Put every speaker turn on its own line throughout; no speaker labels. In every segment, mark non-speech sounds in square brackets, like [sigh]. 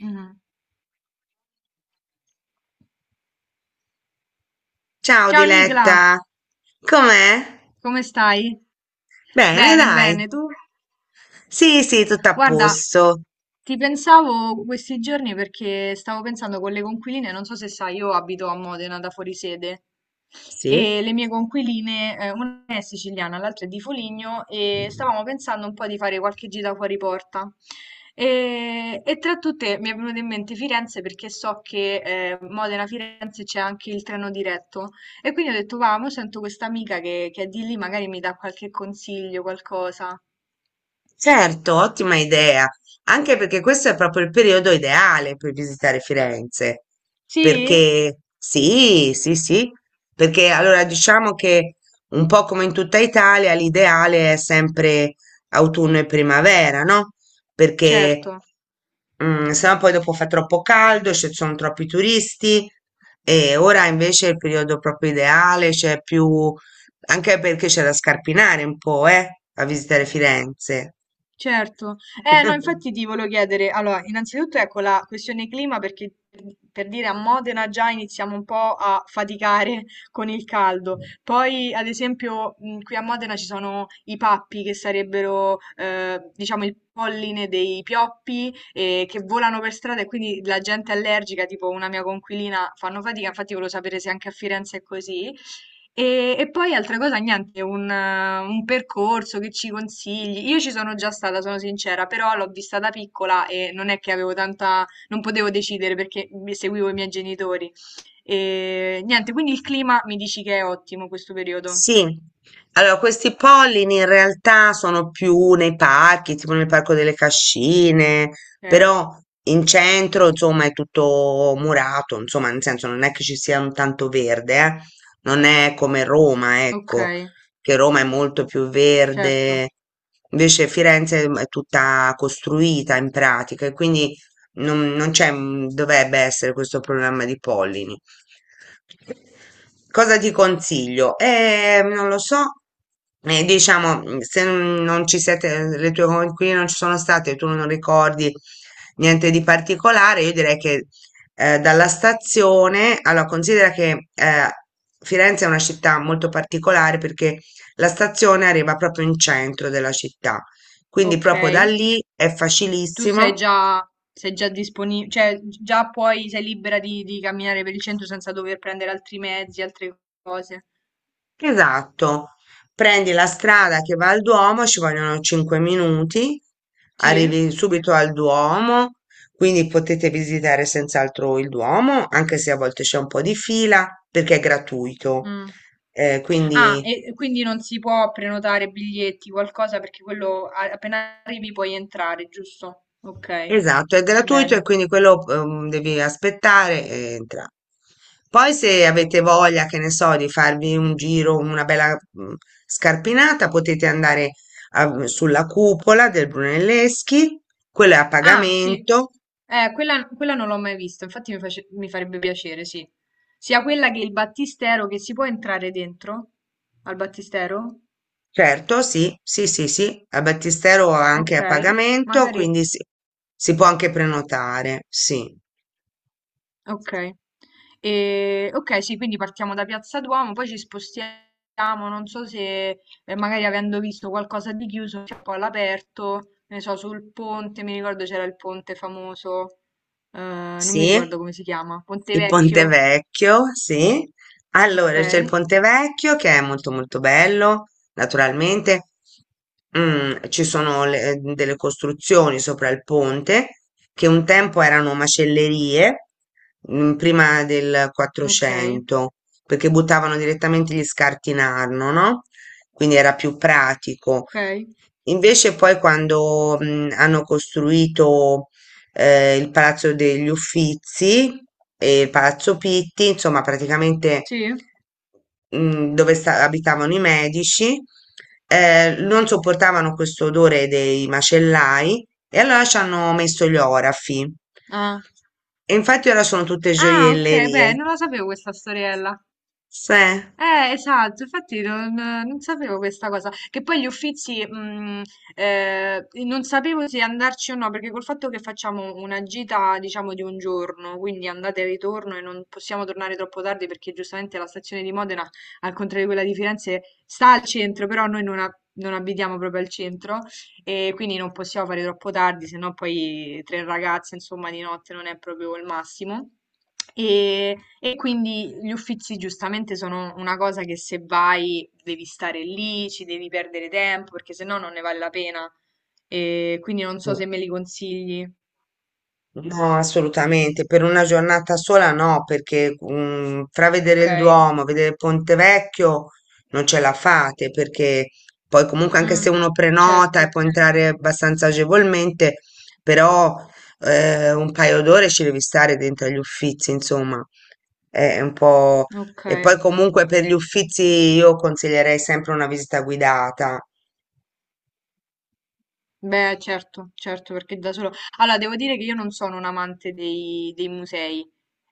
Mm.
Ciao
Ciao Nicla,
Diletta, com'è?
come stai?
Bene,
Bene,
dai.
bene, tu?
Sì, sì, tutto a
Guarda,
posto.
ti pensavo questi giorni perché stavo pensando con le conquiline, non so se sai, io abito a Modena da fuori sede
Sì?
e le mie conquiline, una è siciliana, l'altra è di Foligno e stavamo pensando un po' di fare qualche gita fuori porta. E tra tutte mi è venuta in mente Firenze perché so che Modena-Firenze c'è anche il treno diretto e quindi ho detto, va, mo sento questa amica che è di lì, magari mi dà qualche consiglio, qualcosa.
Certo, ottima idea, anche perché questo è proprio il periodo ideale per visitare Firenze,
Sì?
perché sì, sì, sì, perché allora diciamo che un po' come in tutta Italia l'ideale è sempre autunno e primavera, no?
Certo.
Perché sennò poi dopo fa troppo caldo, ci sono troppi turisti e ora invece è il periodo proprio ideale, c'è più, anche perché c'è da scarpinare un po', a visitare Firenze.
Certo, no, infatti
[laughs]
ti volevo chiedere, allora, innanzitutto ecco la questione clima perché per dire a Modena già iniziamo un po' a faticare [laughs] con il caldo, poi ad esempio qui a Modena ci sono i pappi che sarebbero diciamo il polline dei pioppi che volano per strada e quindi la gente allergica, tipo una mia conquilina, fanno fatica, infatti volevo sapere se anche a Firenze è così. E poi altra cosa, niente, un percorso che ci consigli. Io ci sono già stata, sono sincera, però l'ho vista da piccola e non è che avevo tanta, non potevo decidere perché seguivo i miei genitori. E niente, quindi il clima mi dici che è ottimo questo periodo.
Sì, allora questi pollini in realtà sono più nei parchi, tipo nel parco delle Cascine,
Ok,
però in centro insomma è tutto murato, insomma, nel senso, non è che ci sia un tanto verde, eh. Non è come Roma,
ok,
ecco, che Roma è molto più
certo.
verde, invece Firenze è tutta costruita in pratica e quindi non c'è, dovrebbe essere questo problema di pollini. Cosa ti consiglio? Non lo so, diciamo, se non ci siete, le tue coinquiline non ci sono state, tu non ricordi niente di particolare, io direi che dalla stazione, allora considera che Firenze è una città molto particolare perché la stazione arriva proprio in centro della città, quindi
Ok,
proprio da lì è
tu
facilissimo.
sei già disponibile, cioè già puoi, sei libera di camminare per il centro senza dover prendere altri mezzi, altre cose.
Esatto, prendi la strada che va al Duomo, ci vogliono 5 minuti,
Sì?
arrivi subito al Duomo, quindi potete visitare senz'altro il Duomo, anche se a volte c'è un po' di fila perché è gratuito.
Mm. Ah,
Quindi
e quindi non si può prenotare biglietti, qualcosa, perché quello appena arrivi puoi entrare, giusto? Ok,
esatto, è gratuito e
bene.
quindi quello devi aspettare e entra. Poi se avete voglia, che ne so, di farvi un giro, una bella scarpinata, potete andare sulla cupola del Brunelleschi, quello è a
Ah, sì.
pagamento.
Quella, quella non l'ho mai vista, infatti mi, mi farebbe piacere, sì. Sia quella che il battistero, che si può entrare dentro al battistero?
Certo, sì, sì, sì, sì, al Battistero anche
Ok,
a pagamento,
magari.
quindi si può anche prenotare, sì,
Ok, E- ok, sì, quindi partiamo da Piazza Duomo, poi ci spostiamo, non so se magari avendo visto qualcosa di chiuso, c'è un po' all'aperto, ne so, sul ponte, mi ricordo c'era il ponte famoso, eh, non mi ricordo
sì.
come si chiama, Ponte
Il Ponte
Vecchio,
Vecchio, sì.
ok,
Allora, c'è il Ponte Vecchio che è molto molto bello, naturalmente. Ci sono delle costruzioni sopra il ponte che un tempo erano macellerie, prima del
ok,
400, perché buttavano direttamente gli scarti in Arno, no? Quindi era più pratico.
ok,
Invece poi quando hanno costruito il Palazzo degli Uffizi e il Palazzo Pitti, insomma, praticamente
sì,
dove abitavano i Medici, non sopportavano questo odore dei macellai e allora ci hanno messo gli orafi.
ah,
E infatti ora sono tutte
Ah, ok, beh,
gioiellerie.
non la sapevo questa storiella.
Sì.
Esatto, infatti non, non sapevo questa cosa, che poi gli Uffizi, non sapevo se andarci o no, perché col fatto che facciamo una gita, diciamo, di un giorno, quindi andate e ritorno e non possiamo tornare troppo tardi perché giustamente la stazione di Modena, al contrario di quella di Firenze, sta al centro, però noi non, non abitiamo proprio al centro, e quindi non possiamo fare troppo tardi, se no poi tre ragazze, insomma, di notte non è proprio il massimo. E quindi gli uffizi giustamente sono una cosa che se vai devi stare lì, ci devi perdere tempo, perché se no non ne vale la pena. E quindi non so se me li consigli.
No,
Mm,
assolutamente, per una giornata sola no, perché tra vedere
Ok.
il Duomo, vedere Ponte Vecchio non ce la fate, perché poi comunque anche
Mm,
se uno prenota e
certo.
può entrare abbastanza agevolmente, però un paio d'ore ci devi stare dentro agli Uffizi, insomma, è un po'...
Ok.
E poi comunque per gli Uffizi io consiglierei sempre una visita guidata,
Beh, certo, certo, perché da solo... Allora, devo dire che io non sono un amante dei, dei musei.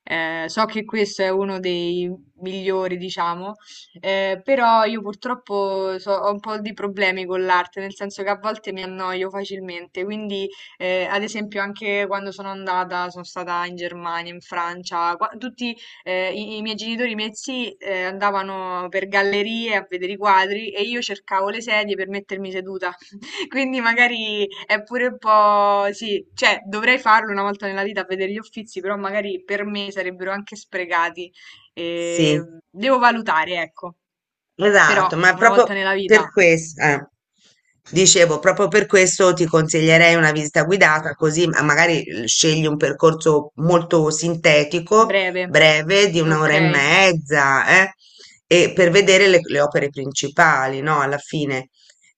So che questo è uno dei migliori, diciamo, però io purtroppo ho un po' di problemi con l'arte, nel senso che a volte mi annoio facilmente, quindi ad esempio anche quando sono andata, sono stata in Germania, in Francia, tutti i miei genitori, i miei zii andavano per gallerie a vedere i quadri e io cercavo le sedie per mettermi seduta quindi magari è pure un po', sì, cioè dovrei farlo una volta nella vita a vedere gli Uffizi, però magari per me sarebbero anche sprecati. E
sì.
devo valutare, ecco. Però
Esatto, ma
una volta
proprio
nella vita,
per questo, dicevo, proprio per questo ti consiglierei una visita guidata, così magari scegli un percorso molto sintetico,
breve.
breve, di
Ok,
un'ora e mezza, e per vedere le opere principali, no? Alla fine,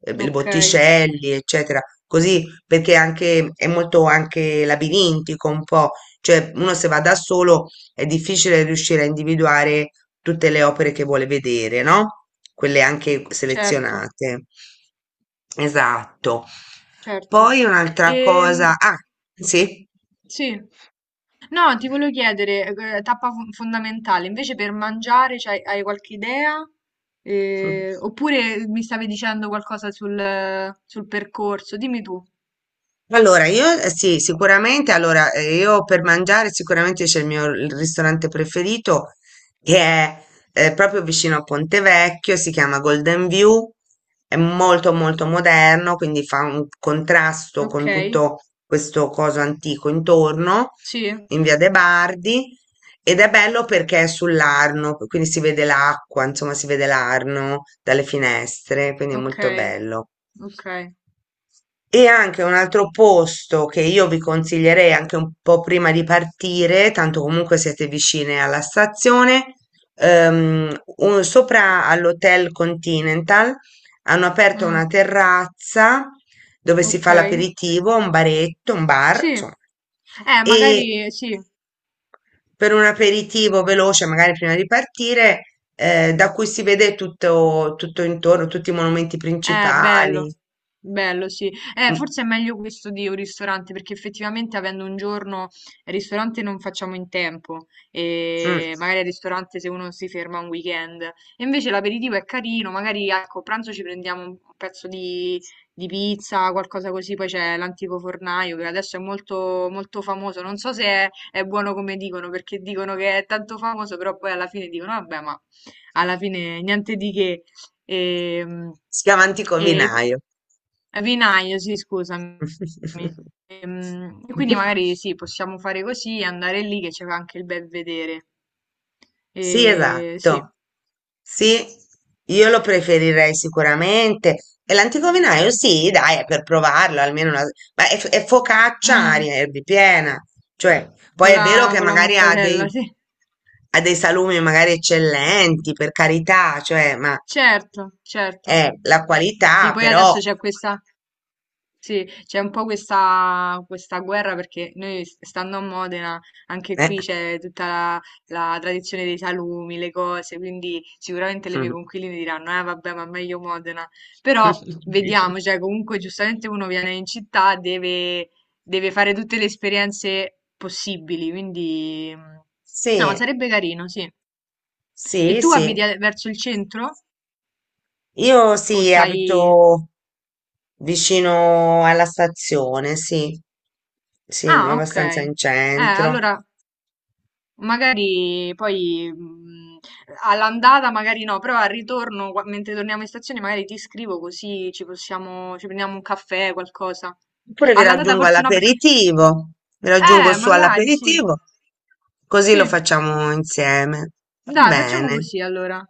i
ok,
Botticelli, eccetera. Così, perché anche è molto anche labirintico un po', cioè uno se va da solo è difficile riuscire a individuare tutte le opere che vuole vedere, no? Quelle anche
certo,
selezionate. Esatto.
certo.
Poi un'altra
Ehm,
cosa. Ah, sì.
sì. No, ti volevo chiedere, tappa fondamentale, invece per mangiare hai qualche idea?
[laughs]
Oppure mi stavi dicendo qualcosa sul, sul percorso? Dimmi tu.
Allora, io sì, sicuramente, allora, io per mangiare sicuramente c'è il ristorante preferito che è proprio vicino a Pontevecchio, si chiama Golden View, è molto molto moderno, quindi fa un contrasto
Ok,
con tutto questo coso antico intorno,
sì,
in via de' Bardi, ed è bello perché è sull'Arno, quindi si vede l'acqua, insomma si vede l'Arno dalle finestre, quindi è
ok,
molto bello.
ok,
E anche un altro posto che io vi consiglierei, anche un po' prima di partire, tanto comunque siete vicine alla stazione, sopra all'Hotel Continental hanno aperto una
mm,
terrazza dove si
ok,
fa l'aperitivo, un baretto, un bar,
sì.
insomma. E
Magari sì,
per un aperitivo veloce, magari prima di partire, da cui si vede tutto, tutto intorno, tutti i monumenti
Bello,
principali.
bello, sì.
Mm,
Forse è meglio questo di un ristorante, perché effettivamente avendo un giorno il ristorante non facciamo in tempo,
mm.
e magari al ristorante se uno si ferma un weekend. E invece l'aperitivo è carino, magari ecco, a pranzo ci prendiamo un pezzo di pizza, qualcosa così, poi c'è l'antico fornaio che adesso è molto, molto famoso. Non so se è, è buono come dicono, perché dicono che è tanto famoso, però poi alla fine dicono, vabbè, ma alla fine niente di che. Ehm,
Si chiama Antico
e
Vinaio.
vinaio, sì, scusami.
[laughs]
E, quindi magari sì, possiamo fare così, andare lì che c'è anche il bel vedere.
Sì,
E, sì,
esatto. Sì, io lo preferirei sicuramente. E l'Antico Vinaio, sì, dai, è per provarlo, almeno una... Ma è focaccia aria
Mm,
erbipiena. Cioè, poi è vero che
con la
magari ha
mortadella,
dei,
sì.
ha dei salumi magari eccellenti, per carità, cioè, ma
Certo, certo.
è la
Sì,
qualità,
poi
però...
adesso c'è questa... Sì, c'è un po' questa guerra perché noi, stando a Modena, anche
eh.
qui c'è tutta la, la tradizione dei salumi, le cose, quindi sicuramente le mie conquiline diranno, eh vabbè, ma meglio Modena. Però vediamo, cioè comunque giustamente uno viene in città, deve, deve fare tutte le esperienze possibili, quindi mm,
[laughs]
no,
Sì,
sarebbe carino, sì. E
sì,
tu
sì.
abiti verso il centro?
Io
O
sì,
stai...
abito vicino alla stazione, sì, sì,
Ah, ok.
abbastanza in centro.
Allora... Magari poi all'andata, magari no, però al ritorno, mentre torniamo in stazione, magari ti scrivo così ci possiamo, ci prendiamo un caffè, qualcosa.
Oppure vi
All'andata
raggiungo
forse no, perché...
all'aperitivo, vi raggiungo su
Magari sì.
all'aperitivo, così lo
Sì,
facciamo insieme. Va
dai, facciamo
bene.
così allora.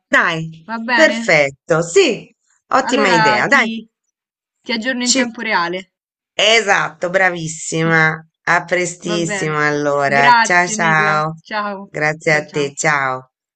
Va
Dai,
bene?
perfetto, sì, ottima
Allora
idea. Dai,
ti aggiorno in
ci...
tempo reale.
Esatto,
[laughs]
bravissima. A
Va
prestissimo
bene.
allora. Ciao
Grazie, Nicla.
ciao.
Ciao.
Grazie
Ciao,
a te,
ciao.
ciao.